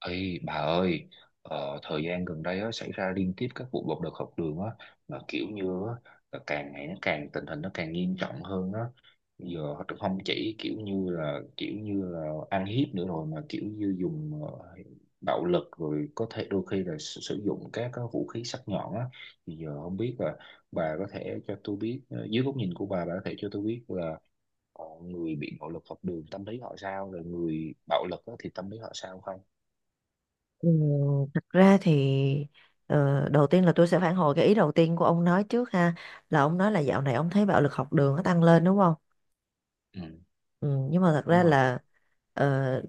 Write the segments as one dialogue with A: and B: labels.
A: Ê, bà ơi, thời gian gần đây á, xảy ra liên tiếp các vụ bạo lực học đường á, mà kiểu như á, là càng ngày nó càng tình hình nó càng nghiêm trọng hơn á. Bây giờ họ không chỉ kiểu như là ăn hiếp nữa rồi mà kiểu như dùng bạo lực rồi có thể đôi khi là sử dụng các cái vũ khí sắc nhọn á. Thì giờ không biết là bà có thể cho tôi biết dưới góc nhìn của bà có thể cho tôi biết là người bị bạo lực học đường tâm lý họ sao, rồi người bạo lực á, thì tâm lý họ sao không?
B: Ừ, thật ra thì đầu tiên là tôi sẽ phản hồi cái ý đầu tiên của ông nói trước ha, là ông nói là dạo này ông thấy bạo lực học đường nó tăng lên đúng không?
A: Ừ.
B: Ừ, nhưng mà thật ra
A: Đúng rồi.
B: là ờ,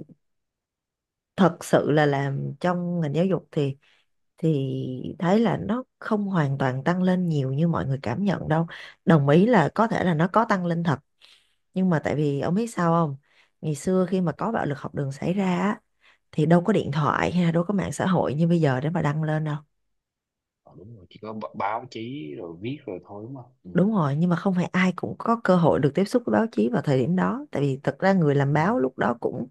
B: thật sự là làm trong ngành giáo dục thì thấy là nó không hoàn toàn tăng lên nhiều như mọi người cảm nhận đâu. Đồng ý là có thể là nó có tăng lên thật, nhưng mà tại vì ông biết sao không? Ngày xưa khi mà có bạo lực học đường xảy ra á, thì đâu có điện thoại hay là đâu có mạng xã hội như bây giờ để mà đăng lên đâu.
A: Ờ, đúng rồi, chỉ có báo chí rồi viết rồi thôi, đúng không? Ừ.
B: Đúng rồi, nhưng mà không phải ai cũng có cơ hội được tiếp xúc với báo chí vào thời điểm đó, tại vì thật ra người làm
A: Ừ.
B: báo lúc đó cũng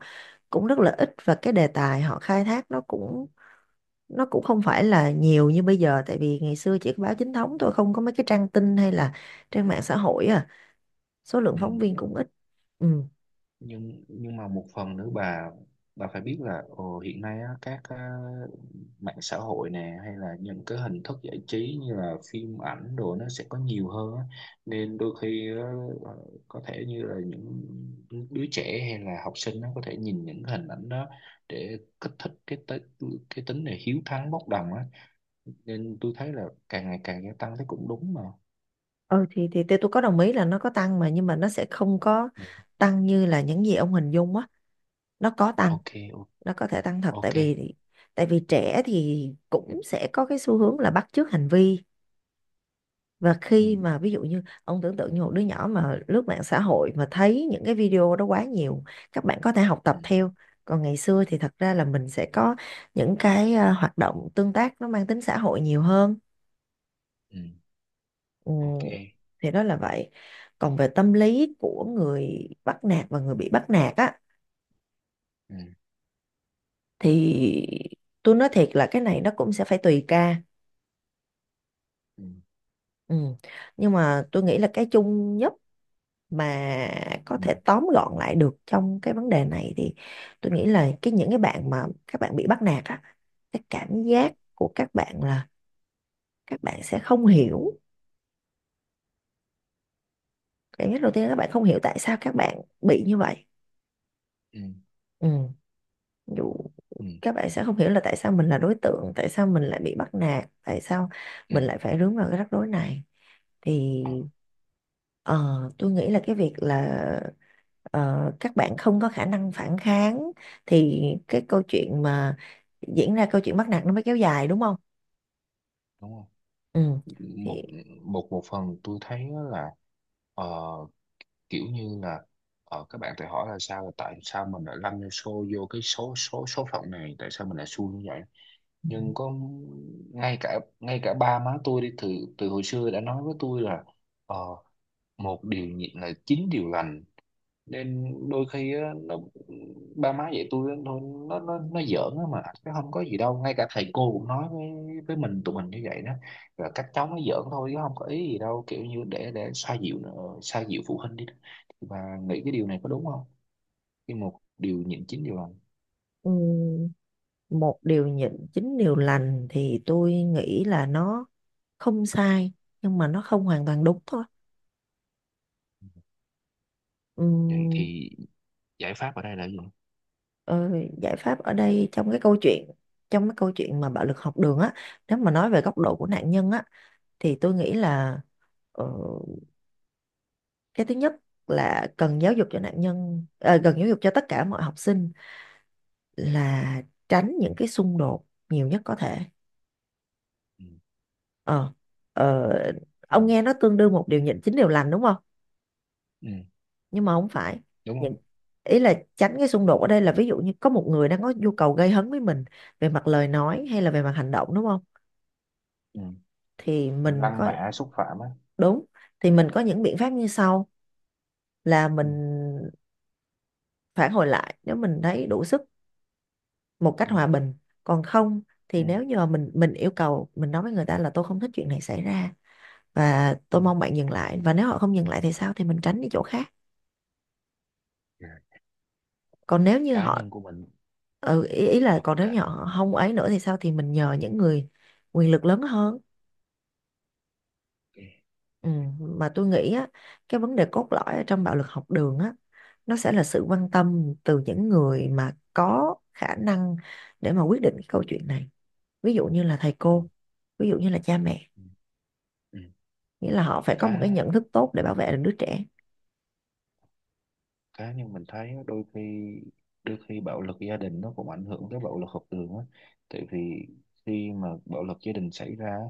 B: cũng rất là ít, và cái đề tài họ khai thác nó cũng không phải là nhiều như bây giờ, tại vì ngày xưa chỉ có báo chính thống thôi, không có mấy cái trang tin hay là trang mạng xã hội, số lượng
A: Ừ.
B: phóng viên cũng ít. Ừ.
A: Nhưng mà một phần nữa bà phải biết là ồ, hiện nay á, các mạng xã hội nè hay là những cái hình thức giải trí như là phim ảnh đồ nó sẽ có nhiều hơn á. Nên đôi khi ờ, có thể như là những đứa trẻ hay là học sinh nó có thể nhìn những cái hình ảnh đó để kích thích cái tính này hiếu thắng bốc đồng á, nên tôi thấy là càng ngày càng gia tăng thấy cũng đúng mà.
B: Ừ, thì tôi có đồng ý là nó có tăng, mà nhưng mà nó sẽ không có
A: Ừ.
B: tăng như là những gì ông hình dung á, nó có tăng,
A: Ok. o-
B: nó có thể tăng thật, tại
A: ok.
B: vì tại vì trẻ thì cũng sẽ có cái xu hướng là bắt chước hành vi, và
A: Ừ.
B: khi mà ví dụ như ông tưởng tượng như một đứa nhỏ mà lướt mạng xã hội mà thấy những cái video đó quá nhiều, các bạn có thể học tập
A: Ừ.
B: theo. Còn ngày xưa thì thật ra là mình sẽ có những cái, hoạt động tương tác nó mang tính xã hội nhiều hơn.
A: Ừ.
B: ừ,
A: Ok.
B: thì đó là vậy. Còn về tâm lý của người bắt nạt và người bị bắt nạt á,
A: Ừ.
B: thì tôi nói thiệt là cái này nó cũng sẽ phải tùy ca.
A: Ừ.
B: Ừ. Nhưng mà tôi nghĩ là cái chung nhất mà có
A: Ừ.
B: thể tóm gọn lại được trong cái vấn đề này thì tôi nghĩ là cái những cái bạn mà các bạn bị bắt nạt á, cái cảm
A: Ừ.
B: giác của các bạn là các bạn sẽ không hiểu, cảm giác đầu tiên là các bạn không hiểu tại sao các bạn bị như vậy.
A: Ừ.
B: Ừ. Ví dụ
A: Ừ.
B: các bạn sẽ không hiểu là tại sao mình là đối tượng, tại sao mình lại bị bắt nạt, tại sao
A: Ừ.
B: mình lại phải rướng vào cái rắc rối này, thì
A: Ờ,
B: Ờ, tôi nghĩ là cái việc là các bạn không có khả năng phản kháng, thì cái câu chuyện mà diễn ra câu chuyện bắt nạt nó mới kéo dài đúng không?
A: đúng không?
B: Ừ. Thì
A: Một một một phần tôi thấy á là ờ, kiểu như là các bạn tự hỏi là sao, là tại sao mình lại lăn vô vô cái số số số phận này, tại sao mình lại xui như vậy. Nhưng có, ngay cả ba má tôi đi từ từ hồi xưa đã nói với tôi là ờ, một điều nhịn là chín điều lành. Nên đôi khi á, nó, ba má dạy tôi á, thôi nó giỡn á mà, cái không có gì đâu, ngay cả thầy cô cũng nói với mình, tụi mình như vậy đó, và các cháu nó giỡn thôi chứ không có ý gì đâu, kiểu như để xoa dịu nữa, xoa dịu phụ huynh đi đó. Và nghĩ cái điều này có đúng không, khi một điều nhịn chín điều lành?
B: ừm, một điều nhịn chín điều lành thì tôi nghĩ là nó không sai nhưng mà nó không hoàn toàn đúng thôi.
A: Vậy
B: Ừm,
A: thì giải pháp ở đây là gì?
B: ờ, giải pháp ở đây, trong cái câu chuyện mà bạo lực học đường á, nếu mà nói về góc độ của
A: Ừ.
B: nạn nhân á, thì tôi nghĩ là ờ, cái thứ nhất là cần giáo dục cho nạn nhân, cần giáo dục cho tất cả mọi học sinh là tránh những cái xung đột nhiều nhất có thể.
A: Ừ.
B: ờ, ờ,
A: Ừ.
B: ông nghe nó tương đương một điều nhịn chín điều lành đúng không?
A: Ừ.
B: Nhưng mà không phải.
A: Đúng
B: Những,
A: không?
B: ý là tránh cái xung đột ở đây là ví dụ như có một người đang có nhu cầu gây hấn với mình về mặt lời nói hay là về mặt hành động đúng không,
A: Ừ.
B: thì mình
A: Lăng
B: có,
A: mạ xúc phạm á.
B: đúng, thì mình có những biện pháp như sau là mình
A: Ừ.
B: phản hồi lại nếu mình thấy đủ sức, một cách
A: Ừ.
B: hòa bình. Còn không
A: Ừ.
B: thì nếu như mà mình yêu cầu, mình nói với người ta là tôi không thích chuyện này xảy ra và
A: Ừ.
B: tôi mong bạn dừng lại, và nếu họ không dừng lại thì sao, thì mình tránh đi chỗ khác. Còn nếu như
A: Cá
B: họ,
A: nhân của mình.
B: ý là
A: Họ
B: còn nếu như
A: cả.
B: họ không ấy nữa thì sao, thì mình nhờ những người quyền lực lớn hơn.
A: Ừ.
B: ừ, mà tôi nghĩ á, cái vấn đề cốt lõi ở trong bạo lực học đường á, nó sẽ là sự quan tâm từ những người mà có khả năng để mà quyết định cái câu chuyện này, ví dụ như là thầy cô, ví dụ như là cha mẹ,
A: Ừ. Ừ.
B: nghĩa là họ phải có một cái
A: cá
B: nhận thức tốt để bảo vệ được đứa trẻ.
A: cá nhưng mình thấy á, đôi khi, đôi khi bạo lực gia đình nó cũng ảnh hưởng tới bạo lực học đường á, tại vì khi mà bạo lực gia đình xảy ra á,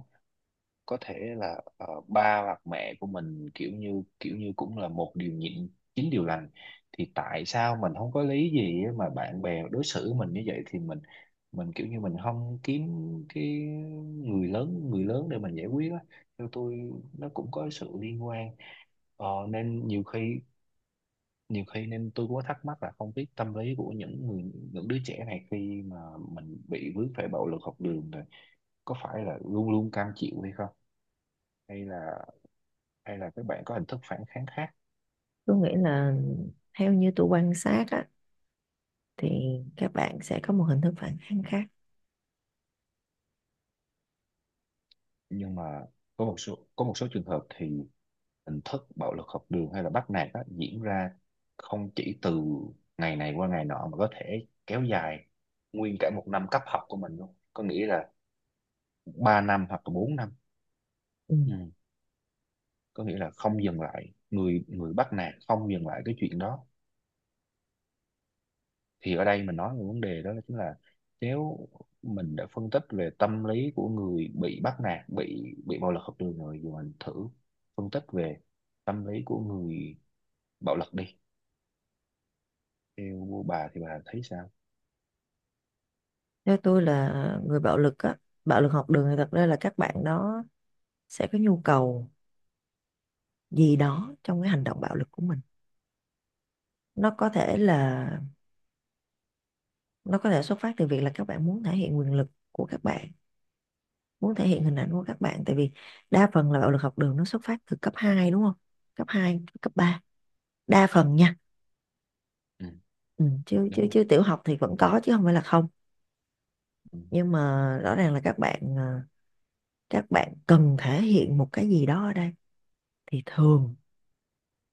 A: có thể là ba hoặc mẹ của mình kiểu như cũng là một điều nhịn chín điều lành, thì tại sao mình không có lý gì á mà bạn bè đối xử mình như vậy, thì mình kiểu như mình không kiếm cái người lớn để mình giải quyết á. Theo tôi nó cũng có sự liên quan. Ờ, nên nhiều khi, nhiều khi nên tôi cũng có thắc mắc là không biết tâm lý của những người, những đứa trẻ này khi mà mình bị vướng phải bạo lực học đường rồi có phải là luôn luôn cam chịu hay không, hay là, hay là các bạn có hình thức phản kháng khác.
B: Tôi nghĩ là, theo như tôi quan sát á, thì các bạn sẽ có một hình thức phản kháng khác.
A: Nhưng mà có một số, có một số trường hợp thì hình thức bạo lực học đường hay là bắt nạt á, diễn ra không chỉ từ ngày này qua ngày nọ mà có thể kéo dài nguyên cả một năm cấp học của mình luôn, có nghĩa là 3 năm hoặc là 4 năm.
B: Ừ.
A: Ừ. Có nghĩa là không dừng lại, người người bắt nạt không dừng lại cái chuyện đó. Thì ở đây mình nói về vấn đề đó là chính là, nếu mình đã phân tích về tâm lý của người bị bắt nạt, bị bạo lực học đường rồi, giờ mình thử phân tích về tâm lý của người bạo lực đi. Theo bà thì bà thấy sao?
B: Theo tôi là, người bạo lực á, bạo lực học đường thì thật ra là các bạn đó sẽ có nhu cầu gì đó trong cái hành động bạo lực của mình. nó có thể là nó có thể xuất phát từ việc là các bạn muốn thể hiện quyền lực của các bạn, muốn thể hiện hình ảnh của các bạn, tại vì đa phần là bạo lực học đường nó xuất phát từ cấp 2 đúng không, cấp 2, cấp 3. Đa phần nha.
A: Ừ,
B: Ừ, chứ
A: đúng
B: chứ
A: rồi.
B: chứ tiểu học thì vẫn có chứ không phải là không,
A: Ừ.
B: nhưng mà rõ ràng là các bạn cần thể hiện một cái gì đó ở đây, thì thường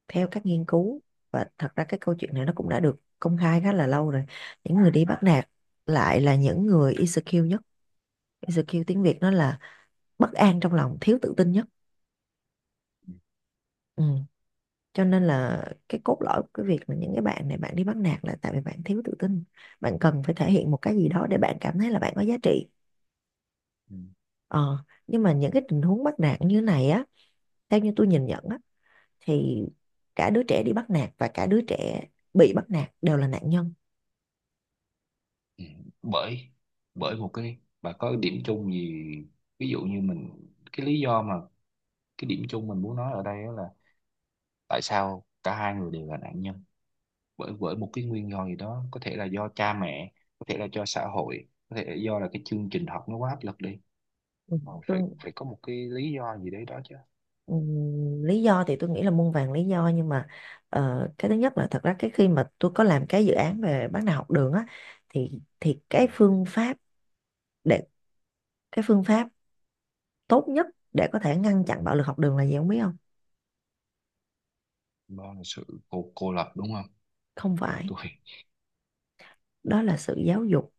B: theo các nghiên cứu, và thật ra cái câu chuyện này nó cũng đã được công khai khá là lâu rồi, những người đi bắt nạt lại là những người insecure nhất. Insecure tiếng Việt nó là bất an trong lòng, thiếu tự tin nhất.
A: Ừ.
B: Ừ. Cho nên là cái cốt lõi của cái việc mà những cái bạn này bạn đi bắt nạt là tại vì bạn thiếu tự tin, bạn cần phải thể hiện một cái gì đó để bạn cảm thấy là bạn có giá trị.
A: Ừ.
B: Ờ, nhưng mà
A: Ừ.
B: những cái tình huống bắt nạt như này á, theo như tôi nhìn nhận á, thì cả đứa trẻ đi bắt nạt và cả đứa trẻ bị bắt nạt đều là nạn nhân.
A: Ừ, bởi, bởi một cái bà có cái điểm chung gì, ví dụ như mình, cái lý do mà, cái điểm chung mình muốn nói ở đây á là tại sao cả hai người đều là nạn nhân, bởi bởi một cái nguyên do gì đó, có thể là do cha mẹ, có thể là do xã hội, có thể là do là cái chương trình học nó quá áp lực đi.
B: Ừ,
A: Ờ, phải
B: Tôi,
A: phải có một cái lý do gì đấy đó chứ.
B: lý do thì tôi nghĩ là muôn vàn lý do, nhưng mà cái thứ nhất là thật ra cái khi mà tôi có làm cái dự án về bắt nạt học đường á, thì
A: Ừ.
B: để cái phương pháp tốt nhất để có thể ngăn chặn bạo lực học đường là gì không biết không?
A: Do là sự cô lập, đúng không?
B: Không
A: Theo
B: phải,
A: tôi.
B: đó là sự giáo dục.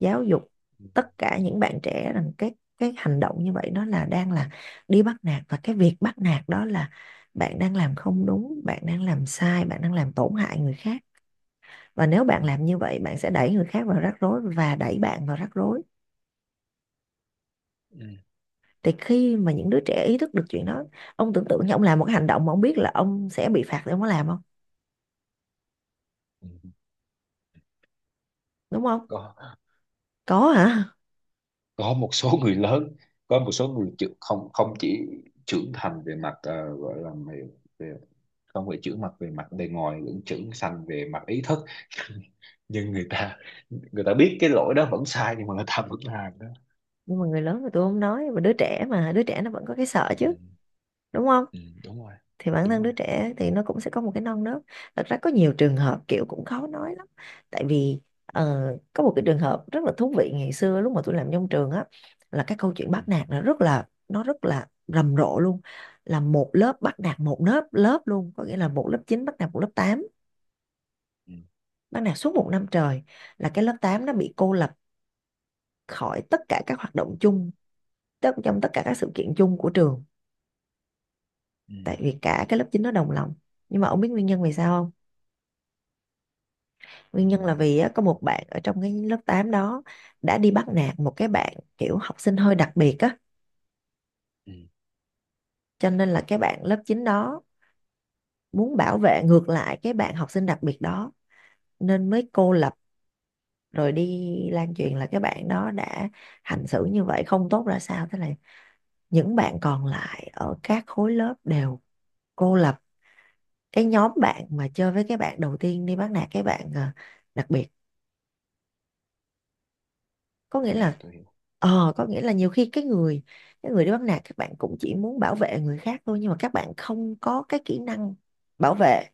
B: Giáo dục
A: Ừ.
B: tất cả những bạn trẻ rằng cái hành động như vậy nó là đang là đi bắt nạt, và cái việc bắt nạt đó là bạn đang làm không đúng, bạn đang làm sai, bạn đang làm tổn hại người khác, và nếu bạn
A: Ừ.
B: làm như vậy bạn sẽ đẩy người khác vào rắc rối và đẩy bạn vào rắc rối.
A: Ừ.
B: Thì khi mà những đứa trẻ ý thức được chuyện đó, ông tưởng tượng như ông làm một cái hành động mà ông biết là ông sẽ bị phạt thì ông có làm không,
A: Ừ.
B: đúng không?
A: Có.
B: Có hả?
A: Có một số người lớn, có một số không, không chỉ trưởng thành về mặt gọi là về, về, không phải trưởng mặt về mặt bề ngoài lẫn trưởng thành về mặt ý thức, nhưng người ta, người ta biết cái lỗi đó vẫn sai nhưng mà người ta vẫn làm đó.
B: Nhưng mà người lớn thì tôi không nói, mà đứa trẻ nó vẫn có cái sợ
A: Ừ.
B: chứ, đúng không?
A: Ừ, đúng rồi.
B: Thì bản
A: Đúng
B: thân
A: rồi.
B: đứa trẻ thì nó cũng sẽ có một cái non nớt. Thật ra có nhiều trường hợp kiểu cũng khó nói lắm, tại vì ờ, có một cái trường hợp rất là thú vị, ngày xưa lúc mà tôi làm trong trường á, là cái câu chuyện
A: Ừ.
B: bắt nạt nó rất là rầm rộ luôn, là một lớp bắt nạt một lớp lớp luôn, có nghĩa là một lớp 9 bắt nạt một lớp 8,
A: Ừ.
B: bắt nạt suốt một năm trời, là cái lớp 8 nó bị cô lập khỏi tất cả các hoạt động chung, tức trong tất cả các sự kiện chung của trường,
A: Ừ. Ừ.
B: tại vì cả cái lớp 9 nó đồng lòng. Nhưng mà ông biết nguyên nhân vì sao không?
A: Ừ.
B: Nguyên nhân là vì á, có một bạn ở trong cái lớp 8 đó đã đi bắt nạt một cái bạn kiểu học sinh hơi đặc biệt á,
A: Ừ.
B: cho nên là cái bạn lớp 9 đó muốn bảo vệ ngược lại cái bạn học sinh đặc biệt đó, nên mới cô lập, rồi đi lan truyền là cái bạn đó đã hành xử như vậy không tốt ra sao, thế là những bạn còn lại ở các khối lớp đều cô lập cái nhóm bạn mà chơi với cái bạn đầu tiên đi bắt nạt cái bạn đặc biệt. Có
A: Ok.
B: nghĩa là
A: Tôi hiểu.
B: có nghĩa là nhiều khi cái người đi bắt nạt, các bạn cũng chỉ muốn bảo vệ người khác thôi, nhưng mà các bạn không có cái kỹ năng bảo vệ,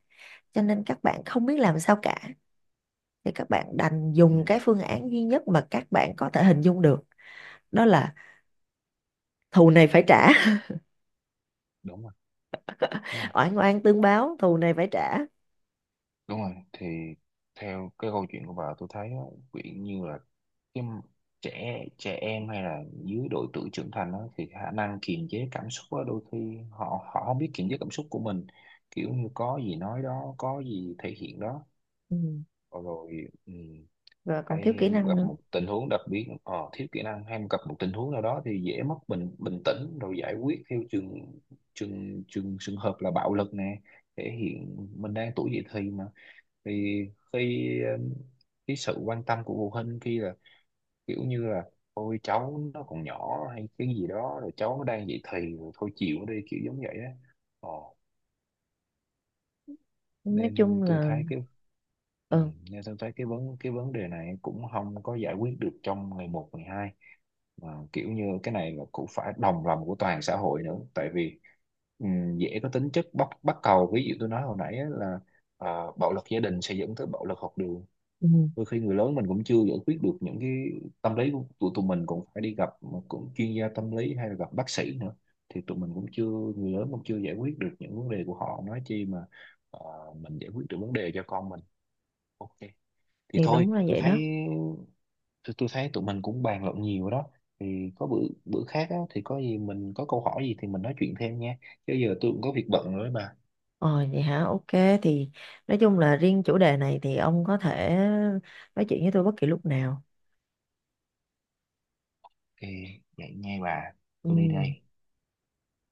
B: cho nên các bạn không biết làm sao cả, thì các bạn đành
A: Ừ,
B: dùng cái phương án duy nhất mà các bạn có thể hình dung được, đó là thù này phải trả.
A: đúng rồi. Đúng rồi.
B: Oan oan tương báo, thù này phải trả.
A: Đúng rồi. Thì theo cái câu chuyện của bà tôi thấy á, kiểu như là cái m- trẻ, trẻ em hay là dưới độ tuổi trưởng thành đó, thì khả năng kiềm chế cảm xúc á, đôi khi họ họ không biết kiềm chế cảm xúc của mình, kiểu như có gì nói đó, có gì thể hiện đó.
B: Ừ.
A: Ờ, rồi ừ,
B: Và còn thiếu
A: hay
B: kỹ năng
A: gặp
B: nữa.
A: một tình huống đặc biệt thiếu kỹ năng hay gặp một tình huống nào đó thì dễ mất bình bình tĩnh rồi giải quyết theo trường trường trường trường hợp là bạo lực nè, thể hiện mình đang tuổi dậy thì mà. Thì khi cái sự quan tâm của phụ huynh khi là kiểu như là ôi cháu nó còn nhỏ hay cái gì đó, rồi cháu nó đang dậy thì rồi thôi chịu đi kiểu giống vậy á. Ờ.
B: Nói
A: Nên
B: chung
A: tôi
B: là,
A: thấy cái, ừ,
B: ừ,
A: nên tôi thấy cái cái vấn đề này cũng không có giải quyết được trong ngày một ngày hai, mà kiểu như cái này là cũng phải đồng lòng của toàn xã hội nữa, tại vì dễ có tính chất bắt bắt cầu, ví dụ tôi nói hồi nãy á là bạo lực gia đình sẽ dẫn tới bạo lực học đường.
B: ừ.
A: Đôi khi người lớn mình cũng chưa giải quyết được những cái tâm lý của tụi tụi mình, cũng phải đi gặp cũng chuyên gia tâm lý hay là gặp bác sĩ nữa, thì tụi mình cũng chưa, người lớn cũng chưa giải quyết được những vấn đề của họ, nói chi mà ờ, mình giải quyết được vấn đề cho con mình. Ok, thì
B: Thì
A: thôi
B: đúng là
A: tôi
B: vậy đó.
A: thấy, tôi thấy tụi mình cũng bàn luận nhiều đó, thì có bữa, bữa khác á, thì có gì mình có câu hỏi gì thì mình nói chuyện thêm nha, chứ giờ tôi cũng có việc bận rồi đó bà.
B: Ờ vậy hả? Ok, thì nói chung là riêng chủ đề này thì ông có thể nói chuyện với tôi bất kỳ lúc nào.
A: Thì vậy nha bà.
B: Ừ.
A: Tôi đi đây.